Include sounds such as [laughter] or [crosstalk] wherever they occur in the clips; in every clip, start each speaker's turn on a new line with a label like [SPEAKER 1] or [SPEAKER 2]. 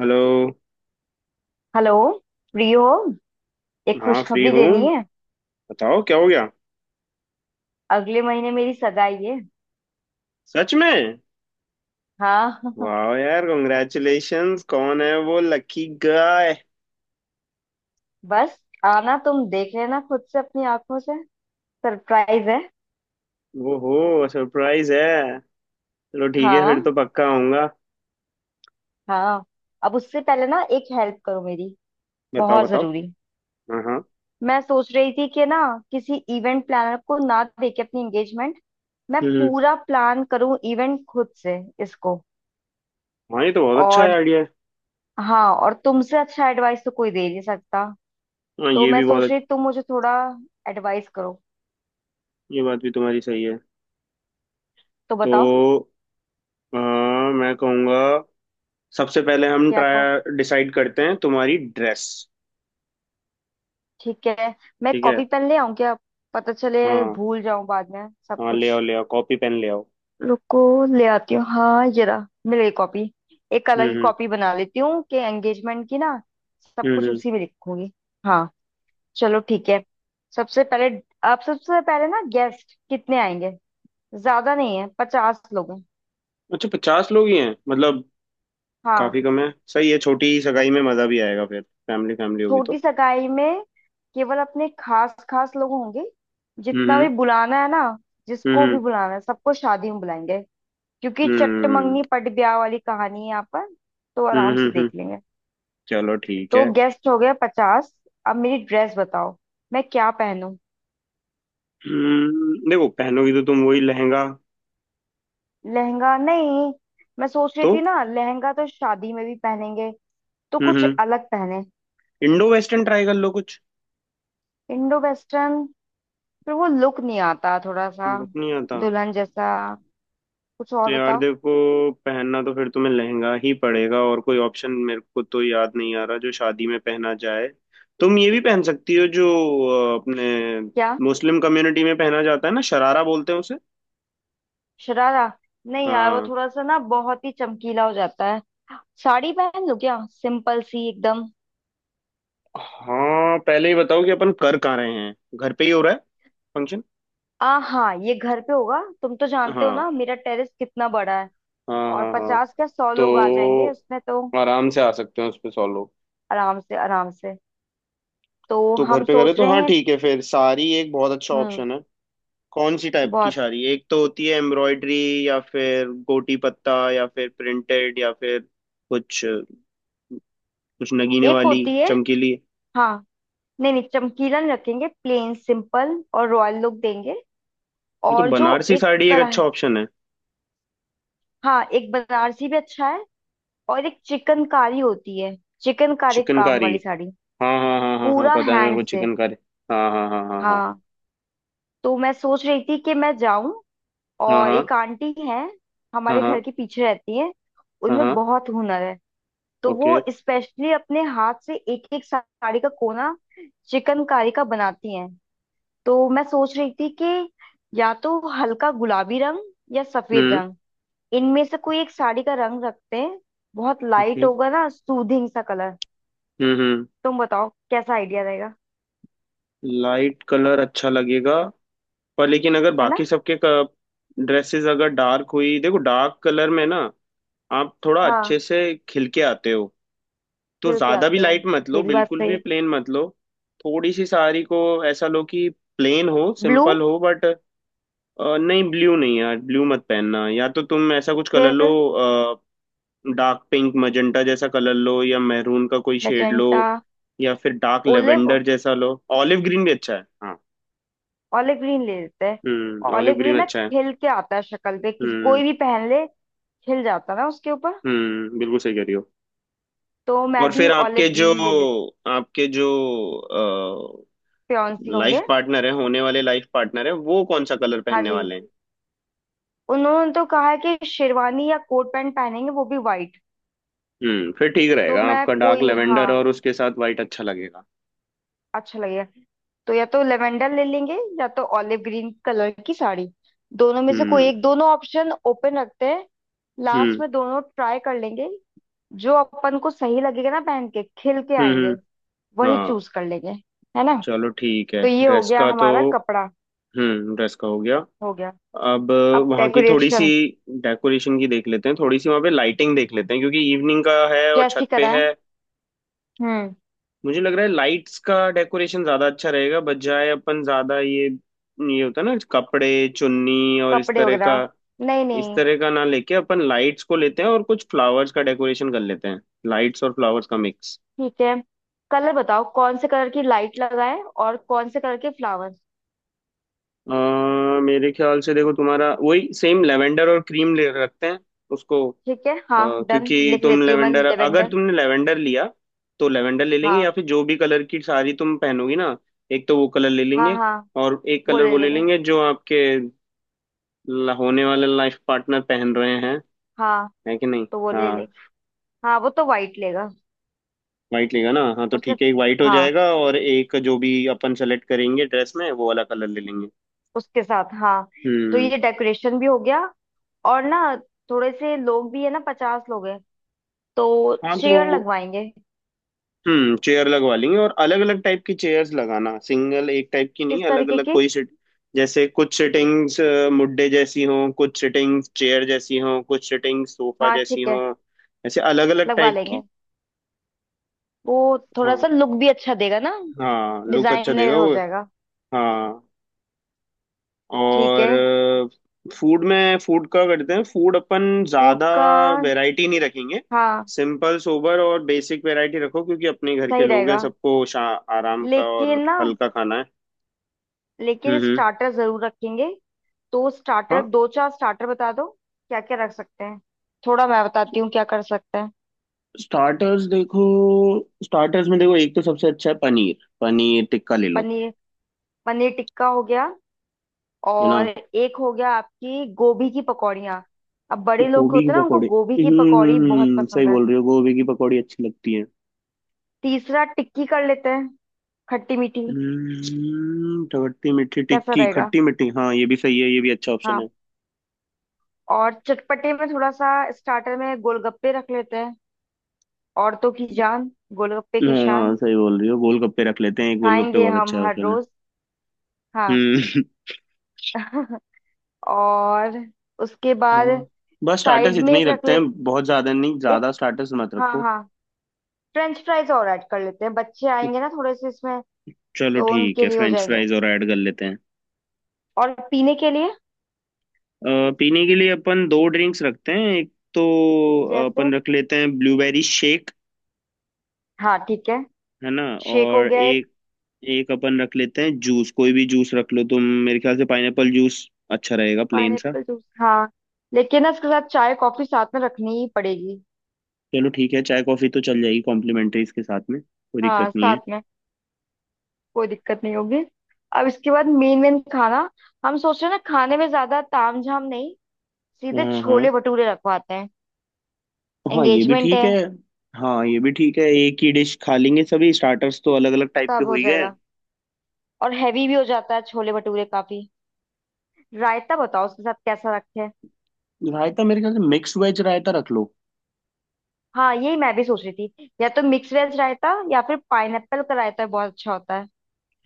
[SPEAKER 1] Hello.
[SPEAKER 2] Hello. Free हो? एक
[SPEAKER 1] हाँ फ्री
[SPEAKER 2] खुशखबरी
[SPEAKER 1] हूँ।
[SPEAKER 2] देनी है।
[SPEAKER 1] बताओ क्या हो गया।
[SPEAKER 2] अगले महीने मेरी सगाई है।
[SPEAKER 1] सच में?
[SPEAKER 2] हाँ।
[SPEAKER 1] वाह यार, कॉन्ग्रेचुलेशंस। कौन है वो लकी गाय?
[SPEAKER 2] [laughs] बस आना तुम, देख लेना खुद से अपनी आंखों से। सरप्राइज है।
[SPEAKER 1] वो हो सरप्राइज है। चलो ठीक है, फिर
[SPEAKER 2] हाँ।
[SPEAKER 1] तो पक्का आऊंगा।
[SPEAKER 2] हाँ, अब उससे पहले ना एक हेल्प करो मेरी।
[SPEAKER 1] बताओ
[SPEAKER 2] बहुत
[SPEAKER 1] बताओ।
[SPEAKER 2] जरूरी।
[SPEAKER 1] हाँ हाँ।
[SPEAKER 2] मैं सोच रही थी कि ना किसी इवेंट प्लानर को ना दे के अपनी एंगेजमेंट मैं
[SPEAKER 1] हम्म।
[SPEAKER 2] पूरा प्लान करूं इवेंट खुद से इसको।
[SPEAKER 1] हाँ ये तो बहुत अच्छा है
[SPEAKER 2] और
[SPEAKER 1] आइडिया है।
[SPEAKER 2] हाँ, और तुमसे अच्छा एडवाइस तो कोई दे नहीं सकता।
[SPEAKER 1] हाँ
[SPEAKER 2] तो
[SPEAKER 1] ये
[SPEAKER 2] मैं
[SPEAKER 1] भी बहुत
[SPEAKER 2] सोच रही तुम मुझे थोड़ा एडवाइस करो।
[SPEAKER 1] ये बात भी तुम्हारी सही है।
[SPEAKER 2] तो बताओ
[SPEAKER 1] तो हाँ मैं कहूँगा सबसे पहले हम
[SPEAKER 2] क्या कहो।
[SPEAKER 1] ट्राई डिसाइड करते हैं तुम्हारी ड्रेस।
[SPEAKER 2] ठीक है। मैं
[SPEAKER 1] ठीक है।
[SPEAKER 2] कॉपी पेन ले आऊं क्या? पता चले
[SPEAKER 1] हाँ
[SPEAKER 2] भूल जाऊं बाद में सब
[SPEAKER 1] हाँ
[SPEAKER 2] कुछ।
[SPEAKER 1] ले आओ कॉपी पेन ले आओ।
[SPEAKER 2] रुको, ले आती हूँ। हाँ जरा, मिल गई कॉपी। एक अलग ही
[SPEAKER 1] हम्म।
[SPEAKER 2] कॉपी बना लेती हूँ कि एंगेजमेंट की ना सब
[SPEAKER 1] हम्म
[SPEAKER 2] कुछ
[SPEAKER 1] हम्म।
[SPEAKER 2] उसी में लिखूंगी। हाँ, चलो ठीक है। सबसे पहले, आप सबसे पहले ना गेस्ट कितने आएंगे? ज्यादा नहीं है, 50 लोग हैं।
[SPEAKER 1] अच्छा 50 लोग ही हैं मतलब।
[SPEAKER 2] हाँ,
[SPEAKER 1] काफी कम है, सही है। छोटी सगाई में मजा भी आएगा, फिर फैमिली फैमिली होगी
[SPEAKER 2] छोटी
[SPEAKER 1] तो।
[SPEAKER 2] सगाई में केवल अपने खास खास लोग होंगे। जितना
[SPEAKER 1] हम्म।
[SPEAKER 2] भी बुलाना है ना जिसको भी
[SPEAKER 1] हम्म।
[SPEAKER 2] बुलाना है सबको शादी में बुलाएंगे क्योंकि
[SPEAKER 1] हम्म।
[SPEAKER 2] चटमंगनी पट ब्याह वाली कहानी है यहाँ पर। तो आराम
[SPEAKER 1] हम्म।
[SPEAKER 2] से
[SPEAKER 1] हम्म
[SPEAKER 2] देख लेंगे।
[SPEAKER 1] चलो ठीक
[SPEAKER 2] तो
[SPEAKER 1] है।
[SPEAKER 2] गेस्ट हो गए 50। अब मेरी ड्रेस बताओ। मैं क्या पहनूं?
[SPEAKER 1] देखो पहनोगी तो तुम वही लहंगा।
[SPEAKER 2] लहंगा नहीं, मैं सोच रही
[SPEAKER 1] तो
[SPEAKER 2] थी ना लहंगा तो शादी में भी पहनेंगे। तो कुछ
[SPEAKER 1] हम्म
[SPEAKER 2] अलग पहने।
[SPEAKER 1] इंडो वेस्टर्न ट्राई कर लो कुछ।
[SPEAKER 2] Indo western? फिर वो लुक नहीं आता थोड़ा सा
[SPEAKER 1] लुक नहीं आता।
[SPEAKER 2] दुल्हन जैसा। कुछ
[SPEAKER 1] तो
[SPEAKER 2] और
[SPEAKER 1] यार
[SPEAKER 2] बताओ।
[SPEAKER 1] देखो, पहनना तो फिर तुम्हें लहंगा ही पड़ेगा और कोई ऑप्शन मेरे को तो याद नहीं आ रहा जो शादी में पहना जाए। तुम ये भी पहन सकती हो जो अपने
[SPEAKER 2] क्या?
[SPEAKER 1] मुस्लिम कम्युनिटी में पहना जाता है ना, शरारा बोलते हैं।
[SPEAKER 2] शरारा? नहीं यार, वो
[SPEAKER 1] हाँ।
[SPEAKER 2] थोड़ा सा ना बहुत ही चमकीला हो जाता है। साड़ी पहन लो क्या, सिंपल सी एकदम?
[SPEAKER 1] हाँ पहले ही बताओ कि अपन कर कहाँ रहे हैं। घर पे ही हो रहा है फंक्शन?
[SPEAKER 2] आ हाँ, ये घर पे होगा। तुम तो जानते हो
[SPEAKER 1] हाँ।
[SPEAKER 2] ना मेरा टेरेस कितना बड़ा है।
[SPEAKER 1] हाँ
[SPEAKER 2] और
[SPEAKER 1] हाँ हाँ।
[SPEAKER 2] 50 क्या, 100
[SPEAKER 1] तो
[SPEAKER 2] लोग आ जाएंगे उसमें तो।
[SPEAKER 1] आराम से आ सकते हैं उस पे 100 लोग।
[SPEAKER 2] आराम से, आराम से। तो
[SPEAKER 1] तो घर
[SPEAKER 2] हम
[SPEAKER 1] पे करें
[SPEAKER 2] सोच
[SPEAKER 1] तो
[SPEAKER 2] रहे
[SPEAKER 1] हाँ
[SPEAKER 2] हैं।
[SPEAKER 1] ठीक है, फिर साड़ी एक बहुत अच्छा
[SPEAKER 2] हम्म।
[SPEAKER 1] ऑप्शन है। कौन सी टाइप की
[SPEAKER 2] बहुत।
[SPEAKER 1] साड़ी? एक तो होती है एम्ब्रॉयडरी, या फिर गोटी पत्ता, या फिर प्रिंटेड, या फिर कुछ कुछ नगीने
[SPEAKER 2] एक
[SPEAKER 1] वाली,
[SPEAKER 2] होती है।
[SPEAKER 1] चमकीली।
[SPEAKER 2] हाँ। नहीं नहीं, चमकीला नहीं रखेंगे। प्लेन सिंपल और रॉयल लुक देंगे।
[SPEAKER 1] ये तो
[SPEAKER 2] और जो
[SPEAKER 1] बनारसी
[SPEAKER 2] एक
[SPEAKER 1] साड़ी एक
[SPEAKER 2] कढ़ाई।
[SPEAKER 1] अच्छा ऑप्शन है।
[SPEAKER 2] हाँ, एक बनारसी भी अच्छा है। और एक चिकनकारी होती है। चिकनकारी काम
[SPEAKER 1] चिकनकारी?
[SPEAKER 2] वाली साड़ी,
[SPEAKER 1] हाँ हाँ हाँ हाँ हाँ
[SPEAKER 2] पूरा
[SPEAKER 1] पता है मेरे को
[SPEAKER 2] हैंड से।
[SPEAKER 1] चिकनकारी। हाँ हाँ हाँ हाँ हाँ।
[SPEAKER 2] हाँ, तो मैं सोच रही थी कि मैं जाऊं।
[SPEAKER 1] हाँ
[SPEAKER 2] और
[SPEAKER 1] हाँ
[SPEAKER 2] एक आंटी है हमारे
[SPEAKER 1] हाँ
[SPEAKER 2] घर के पीछे रहती है।
[SPEAKER 1] हाँ
[SPEAKER 2] उनमें
[SPEAKER 1] हाँ।
[SPEAKER 2] बहुत हुनर है। तो
[SPEAKER 1] ओके।
[SPEAKER 2] वो स्पेशली अपने हाथ से एक एक साड़ी का कोना चिकनकारी का बनाती हैं। तो मैं सोच रही थी कि या तो हल्का गुलाबी रंग या सफेद
[SPEAKER 1] हम्म।
[SPEAKER 2] रंग, इनमें से कोई एक साड़ी का रंग रखते हैं। बहुत लाइट
[SPEAKER 1] ओके।
[SPEAKER 2] होगा ना, सूदिंग सा कलर।
[SPEAKER 1] हम्म।
[SPEAKER 2] तुम बताओ कैसा आइडिया रहेगा।
[SPEAKER 1] लाइट कलर अच्छा लगेगा, पर लेकिन अगर
[SPEAKER 2] है ना?
[SPEAKER 1] बाकी सबके ड्रेसेस अगर डार्क हुई, देखो डार्क कलर में ना आप थोड़ा
[SPEAKER 2] हाँ।
[SPEAKER 1] अच्छे से खिल के आते हो। तो
[SPEAKER 2] हिल के
[SPEAKER 1] ज्यादा भी
[SPEAKER 2] आते हो?
[SPEAKER 1] लाइट मत लो,
[SPEAKER 2] ये भी बात
[SPEAKER 1] बिल्कुल
[SPEAKER 2] सही
[SPEAKER 1] भी
[SPEAKER 2] है।
[SPEAKER 1] प्लेन मत लो। थोड़ी सी साड़ी को ऐसा लो कि प्लेन हो
[SPEAKER 2] ब्लू?
[SPEAKER 1] सिंपल हो बट नहीं, ब्लू नहीं यार, ब्लू मत पहनना। या तो तुम ऐसा कुछ कलर लो,
[SPEAKER 2] फिर?
[SPEAKER 1] डार्क पिंक मजेंटा जैसा कलर लो, या मैरून का कोई शेड लो,
[SPEAKER 2] मैजेंटा?
[SPEAKER 1] या फिर डार्क
[SPEAKER 2] ओलिव?
[SPEAKER 1] लेवेंडर जैसा लो। ऑलिव ग्रीन भी अच्छा है हाँ।
[SPEAKER 2] ओलिव ग्रीन ले लेते हैं।
[SPEAKER 1] ऑलिव
[SPEAKER 2] ओलिव ग्रीन
[SPEAKER 1] ग्रीन
[SPEAKER 2] ना
[SPEAKER 1] अच्छा है।
[SPEAKER 2] खिल के आता है शक्ल पे, किसी
[SPEAKER 1] हम्म।
[SPEAKER 2] कोई भी पहन ले खिल जाता है ना उसके ऊपर।
[SPEAKER 1] बिल्कुल सही कह रही हो।
[SPEAKER 2] तो मैं
[SPEAKER 1] और
[SPEAKER 2] भी
[SPEAKER 1] फिर
[SPEAKER 2] ओलिव ग्रीन ले लेती।
[SPEAKER 1] आपके जो
[SPEAKER 2] फियांसी
[SPEAKER 1] लाइफ
[SPEAKER 2] होंगे?
[SPEAKER 1] पार्टनर है, होने वाले लाइफ पार्टनर है, वो कौन सा कलर
[SPEAKER 2] हाँ
[SPEAKER 1] पहनने
[SPEAKER 2] जी,
[SPEAKER 1] वाले हैं?
[SPEAKER 2] उन्होंने तो कहा है कि शेरवानी या कोट पैंट पहनेंगे वो भी वाइट।
[SPEAKER 1] फिर ठीक
[SPEAKER 2] तो
[SPEAKER 1] रहेगा
[SPEAKER 2] मैं
[SPEAKER 1] आपका डार्क
[SPEAKER 2] कोई,
[SPEAKER 1] लेवेंडर
[SPEAKER 2] हाँ,
[SPEAKER 1] और उसके साथ वाइट अच्छा लगेगा।
[SPEAKER 2] अच्छा लगेगा। तो या तो लेवेंडर ले लेंगे या तो ऑलिव ग्रीन कलर की साड़ी। दोनों में से कोई
[SPEAKER 1] हम्म।
[SPEAKER 2] एक, दोनों ऑप्शन ओपन रखते हैं। लास्ट
[SPEAKER 1] हम्म।
[SPEAKER 2] में दोनों ट्राई कर लेंगे। जो अपन को सही लगेगा ना, पहन के खिल के
[SPEAKER 1] हम्म।
[SPEAKER 2] आएंगे, वही
[SPEAKER 1] हाँ
[SPEAKER 2] चूज कर लेंगे। है ना?
[SPEAKER 1] चलो ठीक है
[SPEAKER 2] तो ये हो
[SPEAKER 1] ड्रेस
[SPEAKER 2] गया
[SPEAKER 1] का तो।
[SPEAKER 2] हमारा कपड़ा।
[SPEAKER 1] ड्रेस का हो गया।
[SPEAKER 2] हो गया।
[SPEAKER 1] अब
[SPEAKER 2] अब
[SPEAKER 1] वहाँ की थोड़ी सी
[SPEAKER 2] डेकोरेशन
[SPEAKER 1] डेकोरेशन की देख लेते हैं, थोड़ी सी वहाँ पे लाइटिंग देख लेते हैं क्योंकि इवनिंग का है और
[SPEAKER 2] कैसी
[SPEAKER 1] छत पे
[SPEAKER 2] कराएं?
[SPEAKER 1] है।
[SPEAKER 2] हम्म।
[SPEAKER 1] मुझे लग रहा है लाइट्स का डेकोरेशन ज्यादा अच्छा रहेगा बजाय अपन ज्यादा ये, होता है ना कपड़े, चुन्नी और इस
[SPEAKER 2] कपड़े
[SPEAKER 1] तरह का,
[SPEAKER 2] वगैरह नहीं नहीं।
[SPEAKER 1] ना लेके अपन लाइट्स को लेते हैं और कुछ फ्लावर्स का डेकोरेशन कर लेते हैं। लाइट्स और फ्लावर्स का मिक्स।
[SPEAKER 2] ठीक है। कलर बताओ, कौन से कलर की लाइट लगाएं और कौन से कलर के फ्लावर्स?
[SPEAKER 1] अ, मेरे ख्याल से देखो तुम्हारा वही सेम लेवेंडर और क्रीम ले रखते हैं उसको। अ,
[SPEAKER 2] ठीक है, हाँ डन,
[SPEAKER 1] क्योंकि
[SPEAKER 2] लिख
[SPEAKER 1] तुम
[SPEAKER 2] लेती हूँ मैं
[SPEAKER 1] लेवेंडर अगर
[SPEAKER 2] लेवेंडर।
[SPEAKER 1] तुमने लेवेंडर लिया तो लेवेंडर ले लेंगे,
[SPEAKER 2] हाँ।
[SPEAKER 1] या फिर जो भी कलर की साड़ी तुम पहनोगी ना, एक तो वो कलर ले
[SPEAKER 2] हाँ
[SPEAKER 1] लेंगे
[SPEAKER 2] हाँ,
[SPEAKER 1] और एक
[SPEAKER 2] वो
[SPEAKER 1] कलर
[SPEAKER 2] ले
[SPEAKER 1] वो ले
[SPEAKER 2] लेगा।
[SPEAKER 1] लेंगे जो आपके होने वाले लाइफ पार्टनर पहन रहे हैं।
[SPEAKER 2] हाँ
[SPEAKER 1] है कि नहीं?
[SPEAKER 2] तो वो ले ले।
[SPEAKER 1] हाँ।
[SPEAKER 2] हाँ, वो तो वाइट लेगा।
[SPEAKER 1] वाइट लेगा ना, हाँ तो
[SPEAKER 2] उसने?
[SPEAKER 1] ठीक है, एक वाइट हो
[SPEAKER 2] हाँ,
[SPEAKER 1] जाएगा और एक जो भी अपन सेलेक्ट करेंगे ड्रेस में वो वाला कलर ले लेंगे।
[SPEAKER 2] उसके साथ। हाँ, तो
[SPEAKER 1] हम्म।
[SPEAKER 2] ये डेकोरेशन भी हो गया। और ना थोड़े से लोग भी है ना, 50 लोग हैं, तो
[SPEAKER 1] हाँ
[SPEAKER 2] चेयर
[SPEAKER 1] तो
[SPEAKER 2] लगवाएंगे।
[SPEAKER 1] चेयर लगवा लेंगे और अलग अलग टाइप की चेयर्स लगाना, सिंगल एक टाइप की
[SPEAKER 2] किस
[SPEAKER 1] नहीं, अलग
[SPEAKER 2] तरीके
[SPEAKER 1] अलग।
[SPEAKER 2] की?
[SPEAKER 1] कोई सिट, जैसे कुछ सिटिंग्स मुड्डे जैसी हों, कुछ सिटिंग्स चेयर जैसी हों, कुछ सिटिंग्स सोफा
[SPEAKER 2] हाँ
[SPEAKER 1] जैसी
[SPEAKER 2] ठीक है,
[SPEAKER 1] हों, ऐसे अलग अलग
[SPEAKER 2] लगवा
[SPEAKER 1] टाइप की।
[SPEAKER 2] लेंगे। वो थोड़ा सा
[SPEAKER 1] हाँ।
[SPEAKER 2] लुक भी अच्छा देगा ना,
[SPEAKER 1] हाँ लुक अच्छा देगा
[SPEAKER 2] डिजाइनर हो
[SPEAKER 1] वो।
[SPEAKER 2] जाएगा।
[SPEAKER 1] हाँ।
[SPEAKER 2] ठीक है।
[SPEAKER 1] और फूड में, फूड का करते हैं, फूड अपन
[SPEAKER 2] फूड
[SPEAKER 1] ज़्यादा
[SPEAKER 2] का?
[SPEAKER 1] वैरायटी नहीं रखेंगे।
[SPEAKER 2] हाँ
[SPEAKER 1] सिंपल सोबर और बेसिक वैरायटी रखो क्योंकि अपने घर के
[SPEAKER 2] सही
[SPEAKER 1] लोग हैं,
[SPEAKER 2] रहेगा।
[SPEAKER 1] सबको शा आराम का और
[SPEAKER 2] लेकिन ना,
[SPEAKER 1] हल्का खाना है।
[SPEAKER 2] लेकिन
[SPEAKER 1] हम्म हम्म।
[SPEAKER 2] स्टार्टर जरूर रखेंगे। तो
[SPEAKER 1] हाँ,
[SPEAKER 2] स्टार्टर, दो चार स्टार्टर बता दो क्या क्या रख सकते हैं। थोड़ा मैं बताती हूँ क्या कर सकते हैं।
[SPEAKER 1] स्टार्टर्स देखो, स्टार्टर्स में देखो एक तो सबसे अच्छा है पनीर पनीर टिक्का ले लो।
[SPEAKER 2] पनीर, पनीर टिक्का हो गया।
[SPEAKER 1] है ना?
[SPEAKER 2] और एक हो गया आपकी गोभी की पकौड़ियाँ। अब बड़े लोग
[SPEAKER 1] गोभी की
[SPEAKER 2] होते हैं ना उनको
[SPEAKER 1] पकौड़ी।
[SPEAKER 2] गोभी की पकौड़ी बहुत
[SPEAKER 1] सही
[SPEAKER 2] पसंद है।
[SPEAKER 1] बोल रही हो गोभी की पकौड़ी अच्छी लगती है।
[SPEAKER 2] तीसरा टिक्की कर लेते हैं, खट्टी मीठी।
[SPEAKER 1] खट्टी मीठी
[SPEAKER 2] कैसा
[SPEAKER 1] टिक्की
[SPEAKER 2] रहेगा?
[SPEAKER 1] खट्टी मीठी, हाँ ये भी सही है, ये भी अच्छा ऑप्शन
[SPEAKER 2] हाँ,
[SPEAKER 1] है।
[SPEAKER 2] और चटपटे में थोड़ा सा स्टार्टर में गोलगप्पे रख लेते हैं। औरतों की जान, गोलगप्पे की
[SPEAKER 1] हाँ
[SPEAKER 2] शान।
[SPEAKER 1] सही बोल रही हो गोलगप्पे रख लेते हैं, एक गोलगप्पे
[SPEAKER 2] खाएंगे
[SPEAKER 1] बहुत
[SPEAKER 2] हम
[SPEAKER 1] अच्छा
[SPEAKER 2] हर
[SPEAKER 1] ऑप्शन है।
[SPEAKER 2] रोज। हाँ।
[SPEAKER 1] हम्म।
[SPEAKER 2] [laughs] और उसके बाद
[SPEAKER 1] और बस स्टार्टर्स
[SPEAKER 2] साइड में
[SPEAKER 1] इतने ही
[SPEAKER 2] एक रख
[SPEAKER 1] रखते
[SPEAKER 2] ले।
[SPEAKER 1] हैं, बहुत ज्यादा नहीं,
[SPEAKER 2] एक,
[SPEAKER 1] ज्यादा स्टार्टर्स मत
[SPEAKER 2] हाँ
[SPEAKER 1] रखो।
[SPEAKER 2] हाँ, फ्रेंच फ्राइज और ऐड कर लेते हैं, बच्चे आएंगे ना थोड़े से इसमें,
[SPEAKER 1] चलो
[SPEAKER 2] तो
[SPEAKER 1] ठीक
[SPEAKER 2] उनके
[SPEAKER 1] है
[SPEAKER 2] लिए हो
[SPEAKER 1] फ्रेंच
[SPEAKER 2] जाएंगे।
[SPEAKER 1] फ्राइज और ऐड कर लेते हैं।
[SPEAKER 2] और पीने के लिए,
[SPEAKER 1] अ, पीने के लिए अपन दो ड्रिंक्स रखते हैं, एक तो
[SPEAKER 2] जैसे?
[SPEAKER 1] अपन रख लेते हैं ब्लूबेरी शेक।
[SPEAKER 2] हाँ ठीक है,
[SPEAKER 1] है ना?
[SPEAKER 2] शेक हो
[SPEAKER 1] और
[SPEAKER 2] गया एक।
[SPEAKER 1] एक, एक अपन रख लेते हैं जूस, कोई भी जूस रख लो तुम। मेरे ख्याल से पाइनएप्पल जूस अच्छा रहेगा, प्लेन सा।
[SPEAKER 2] पाइनएप्पल जूस, हाँ। लेकिन ना इसके साथ चाय कॉफी साथ में रखनी ही पड़ेगी।
[SPEAKER 1] चलो ठीक है चाय कॉफी तो चल जाएगी कॉम्प्लीमेंट्री, इसके साथ में कोई दिक्कत
[SPEAKER 2] हाँ
[SPEAKER 1] नहीं है।
[SPEAKER 2] साथ में कोई दिक्कत नहीं होगी। अब इसके बाद मेन मेन खाना, हम सोच रहे हैं ना खाने में ज्यादा तामझाम नहीं, सीधे
[SPEAKER 1] हाँ। हाँ।
[SPEAKER 2] छोले भटूरे रखवाते हैं,
[SPEAKER 1] हाँ ये भी
[SPEAKER 2] एंगेजमेंट
[SPEAKER 1] ठीक
[SPEAKER 2] है।
[SPEAKER 1] है। हाँ ये भी ठीक है, एक ही डिश खा लेंगे सभी, स्टार्टर्स तो अलग अलग टाइप के
[SPEAKER 2] सब
[SPEAKER 1] हो
[SPEAKER 2] हो
[SPEAKER 1] ही गए हैं।
[SPEAKER 2] जाएगा, और हैवी भी हो जाता है छोले भटूरे काफी। रायता बताओ उसके साथ कैसा रखे?
[SPEAKER 1] रायता मेरे ख्याल से मिक्स वेज रायता रख लो।
[SPEAKER 2] हाँ यही मैं भी सोच रही थी, या तो मिक्स वेज रायता या फिर पाइनएप्पल का रायता बहुत अच्छा होता है।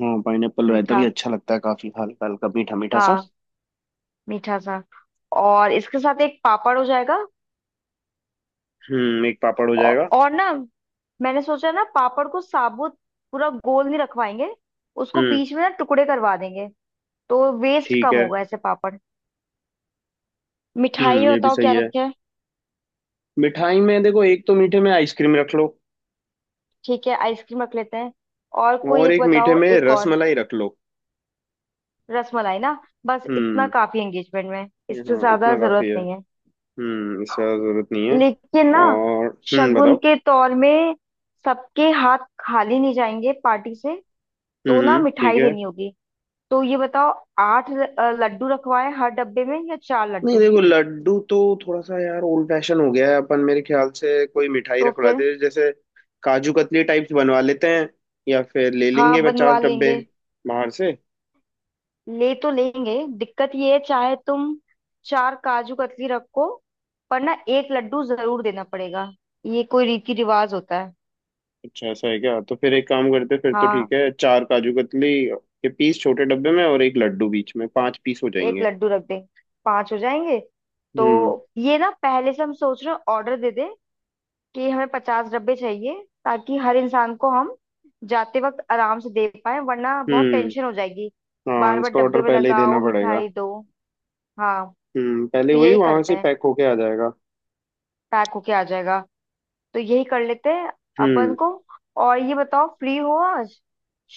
[SPEAKER 1] हाँ पाइनएप्पल रायता भी
[SPEAKER 2] मीठा,
[SPEAKER 1] अच्छा लगता है, काफी हल्का हल्का मीठा मीठा सा।
[SPEAKER 2] हाँ, मीठा सा। और इसके साथ एक पापड़ हो जाएगा।
[SPEAKER 1] एक पापड़ हो
[SPEAKER 2] औ,
[SPEAKER 1] जाएगा।
[SPEAKER 2] और ना मैंने सोचा ना पापड़ को साबुत पूरा गोल नहीं रखवाएंगे, उसको
[SPEAKER 1] हम्म
[SPEAKER 2] बीच में ना टुकड़े करवा देंगे। तो वेस्ट
[SPEAKER 1] ठीक
[SPEAKER 2] कम
[SPEAKER 1] है।
[SPEAKER 2] होगा ऐसे पापड़। मिठाई में
[SPEAKER 1] ये भी
[SPEAKER 2] बताओ
[SPEAKER 1] सही
[SPEAKER 2] क्या
[SPEAKER 1] है।
[SPEAKER 2] रखे?
[SPEAKER 1] मिठाई में देखो, एक तो मीठे में आइसक्रीम रख लो।
[SPEAKER 2] ठीक है, आइसक्रीम रख लेते हैं और कोई
[SPEAKER 1] और
[SPEAKER 2] एक
[SPEAKER 1] एक मीठे
[SPEAKER 2] बताओ,
[SPEAKER 1] में
[SPEAKER 2] एक और।
[SPEAKER 1] रसमलाई रख लो।
[SPEAKER 2] रसमलाई ना, बस इतना
[SPEAKER 1] हम्म
[SPEAKER 2] काफी। एंगेजमेंट में
[SPEAKER 1] ये
[SPEAKER 2] इससे
[SPEAKER 1] हाँ
[SPEAKER 2] ज्यादा
[SPEAKER 1] इतना काफी
[SPEAKER 2] जरूरत
[SPEAKER 1] है।
[SPEAKER 2] नहीं है।
[SPEAKER 1] इससे ज्यादा जरूरत नहीं है।
[SPEAKER 2] लेकिन ना
[SPEAKER 1] और
[SPEAKER 2] शगुन
[SPEAKER 1] बताओ।
[SPEAKER 2] के तौर में सबके हाथ खाली नहीं जाएंगे पार्टी से। तो ना
[SPEAKER 1] ठीक
[SPEAKER 2] मिठाई
[SPEAKER 1] है।
[SPEAKER 2] देनी होगी। तो ये बताओ, आठ लड्डू रखवाएं हर डब्बे में या चार
[SPEAKER 1] नहीं
[SPEAKER 2] लड्डू?
[SPEAKER 1] देखो लड्डू तो थोड़ा सा यार ओल्ड फैशन हो गया है, अपन मेरे ख्याल से कोई मिठाई
[SPEAKER 2] तो
[SPEAKER 1] रखवाते
[SPEAKER 2] फिर,
[SPEAKER 1] हैं, जैसे काजू कतली टाइप्स बनवा लेते हैं, या फिर ले
[SPEAKER 2] हाँ,
[SPEAKER 1] लेंगे 50
[SPEAKER 2] बनवा
[SPEAKER 1] डब्बे
[SPEAKER 2] लेंगे।
[SPEAKER 1] बाहर से।
[SPEAKER 2] ले तो लेंगे, दिक्कत ये है, चाहे तुम चार काजू कतली रखो पर ना एक लड्डू जरूर देना पड़ेगा। ये कोई रीति रिवाज होता है।
[SPEAKER 1] अच्छा ऐसा है क्या, तो फिर एक काम करते हैं, फिर तो ठीक
[SPEAKER 2] हाँ,
[SPEAKER 1] है, चार काजू कतली के पीस छोटे डब्बे में और एक लड्डू बीच में, पांच पीस हो
[SPEAKER 2] एक
[SPEAKER 1] जाएंगे।
[SPEAKER 2] लड्डू रख दे, पांच हो जाएंगे। तो
[SPEAKER 1] हम्म।
[SPEAKER 2] ये ना पहले से हम सोच रहे हैं ऑर्डर दे दे, कि हमें 50 डब्बे चाहिए ताकि हर इंसान को हम जाते वक्त आराम से दे पाए, वरना बहुत
[SPEAKER 1] हम्म
[SPEAKER 2] टेंशन हो जाएगी।
[SPEAKER 1] हाँ
[SPEAKER 2] बार बार
[SPEAKER 1] इसका
[SPEAKER 2] डब्बे
[SPEAKER 1] ऑर्डर
[SPEAKER 2] में
[SPEAKER 1] पहले ही देना
[SPEAKER 2] लगाओ
[SPEAKER 1] पड़ेगा।
[SPEAKER 2] मिठाई दो। हाँ
[SPEAKER 1] पहले
[SPEAKER 2] तो
[SPEAKER 1] वही
[SPEAKER 2] यही
[SPEAKER 1] वहां
[SPEAKER 2] करते
[SPEAKER 1] से
[SPEAKER 2] हैं।
[SPEAKER 1] पैक होके आ जाएगा।
[SPEAKER 2] पैक होके आ जाएगा, तो यही कर लेते हैं अपन
[SPEAKER 1] हम्म।
[SPEAKER 2] को। और ये बताओ, फ्री हो आज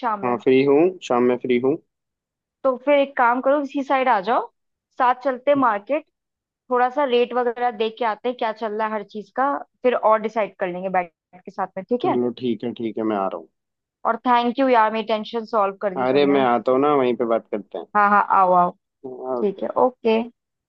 [SPEAKER 2] शाम
[SPEAKER 1] हाँ
[SPEAKER 2] में?
[SPEAKER 1] फ्री हूँ शाम में फ्री हूँ।
[SPEAKER 2] तो फिर एक काम करो, इसी साइड आ जाओ। साथ चलते मार्केट, थोड़ा सा रेट वगैरह देख के आते हैं क्या चल रहा है हर चीज का। फिर और डिसाइड कर लेंगे बैठ के साथ में। ठीक है?
[SPEAKER 1] चलो ठीक है मैं आ रहा हूँ।
[SPEAKER 2] और थैंक यू यार, मेरी टेंशन सॉल्व कर दी
[SPEAKER 1] अरे
[SPEAKER 2] तुमने।
[SPEAKER 1] मैं आता हूँ ना, वहीं पे बात करते हैं।
[SPEAKER 2] हाँ हाँ, आओ आओ। ठीक
[SPEAKER 1] ओके।
[SPEAKER 2] है, ओके।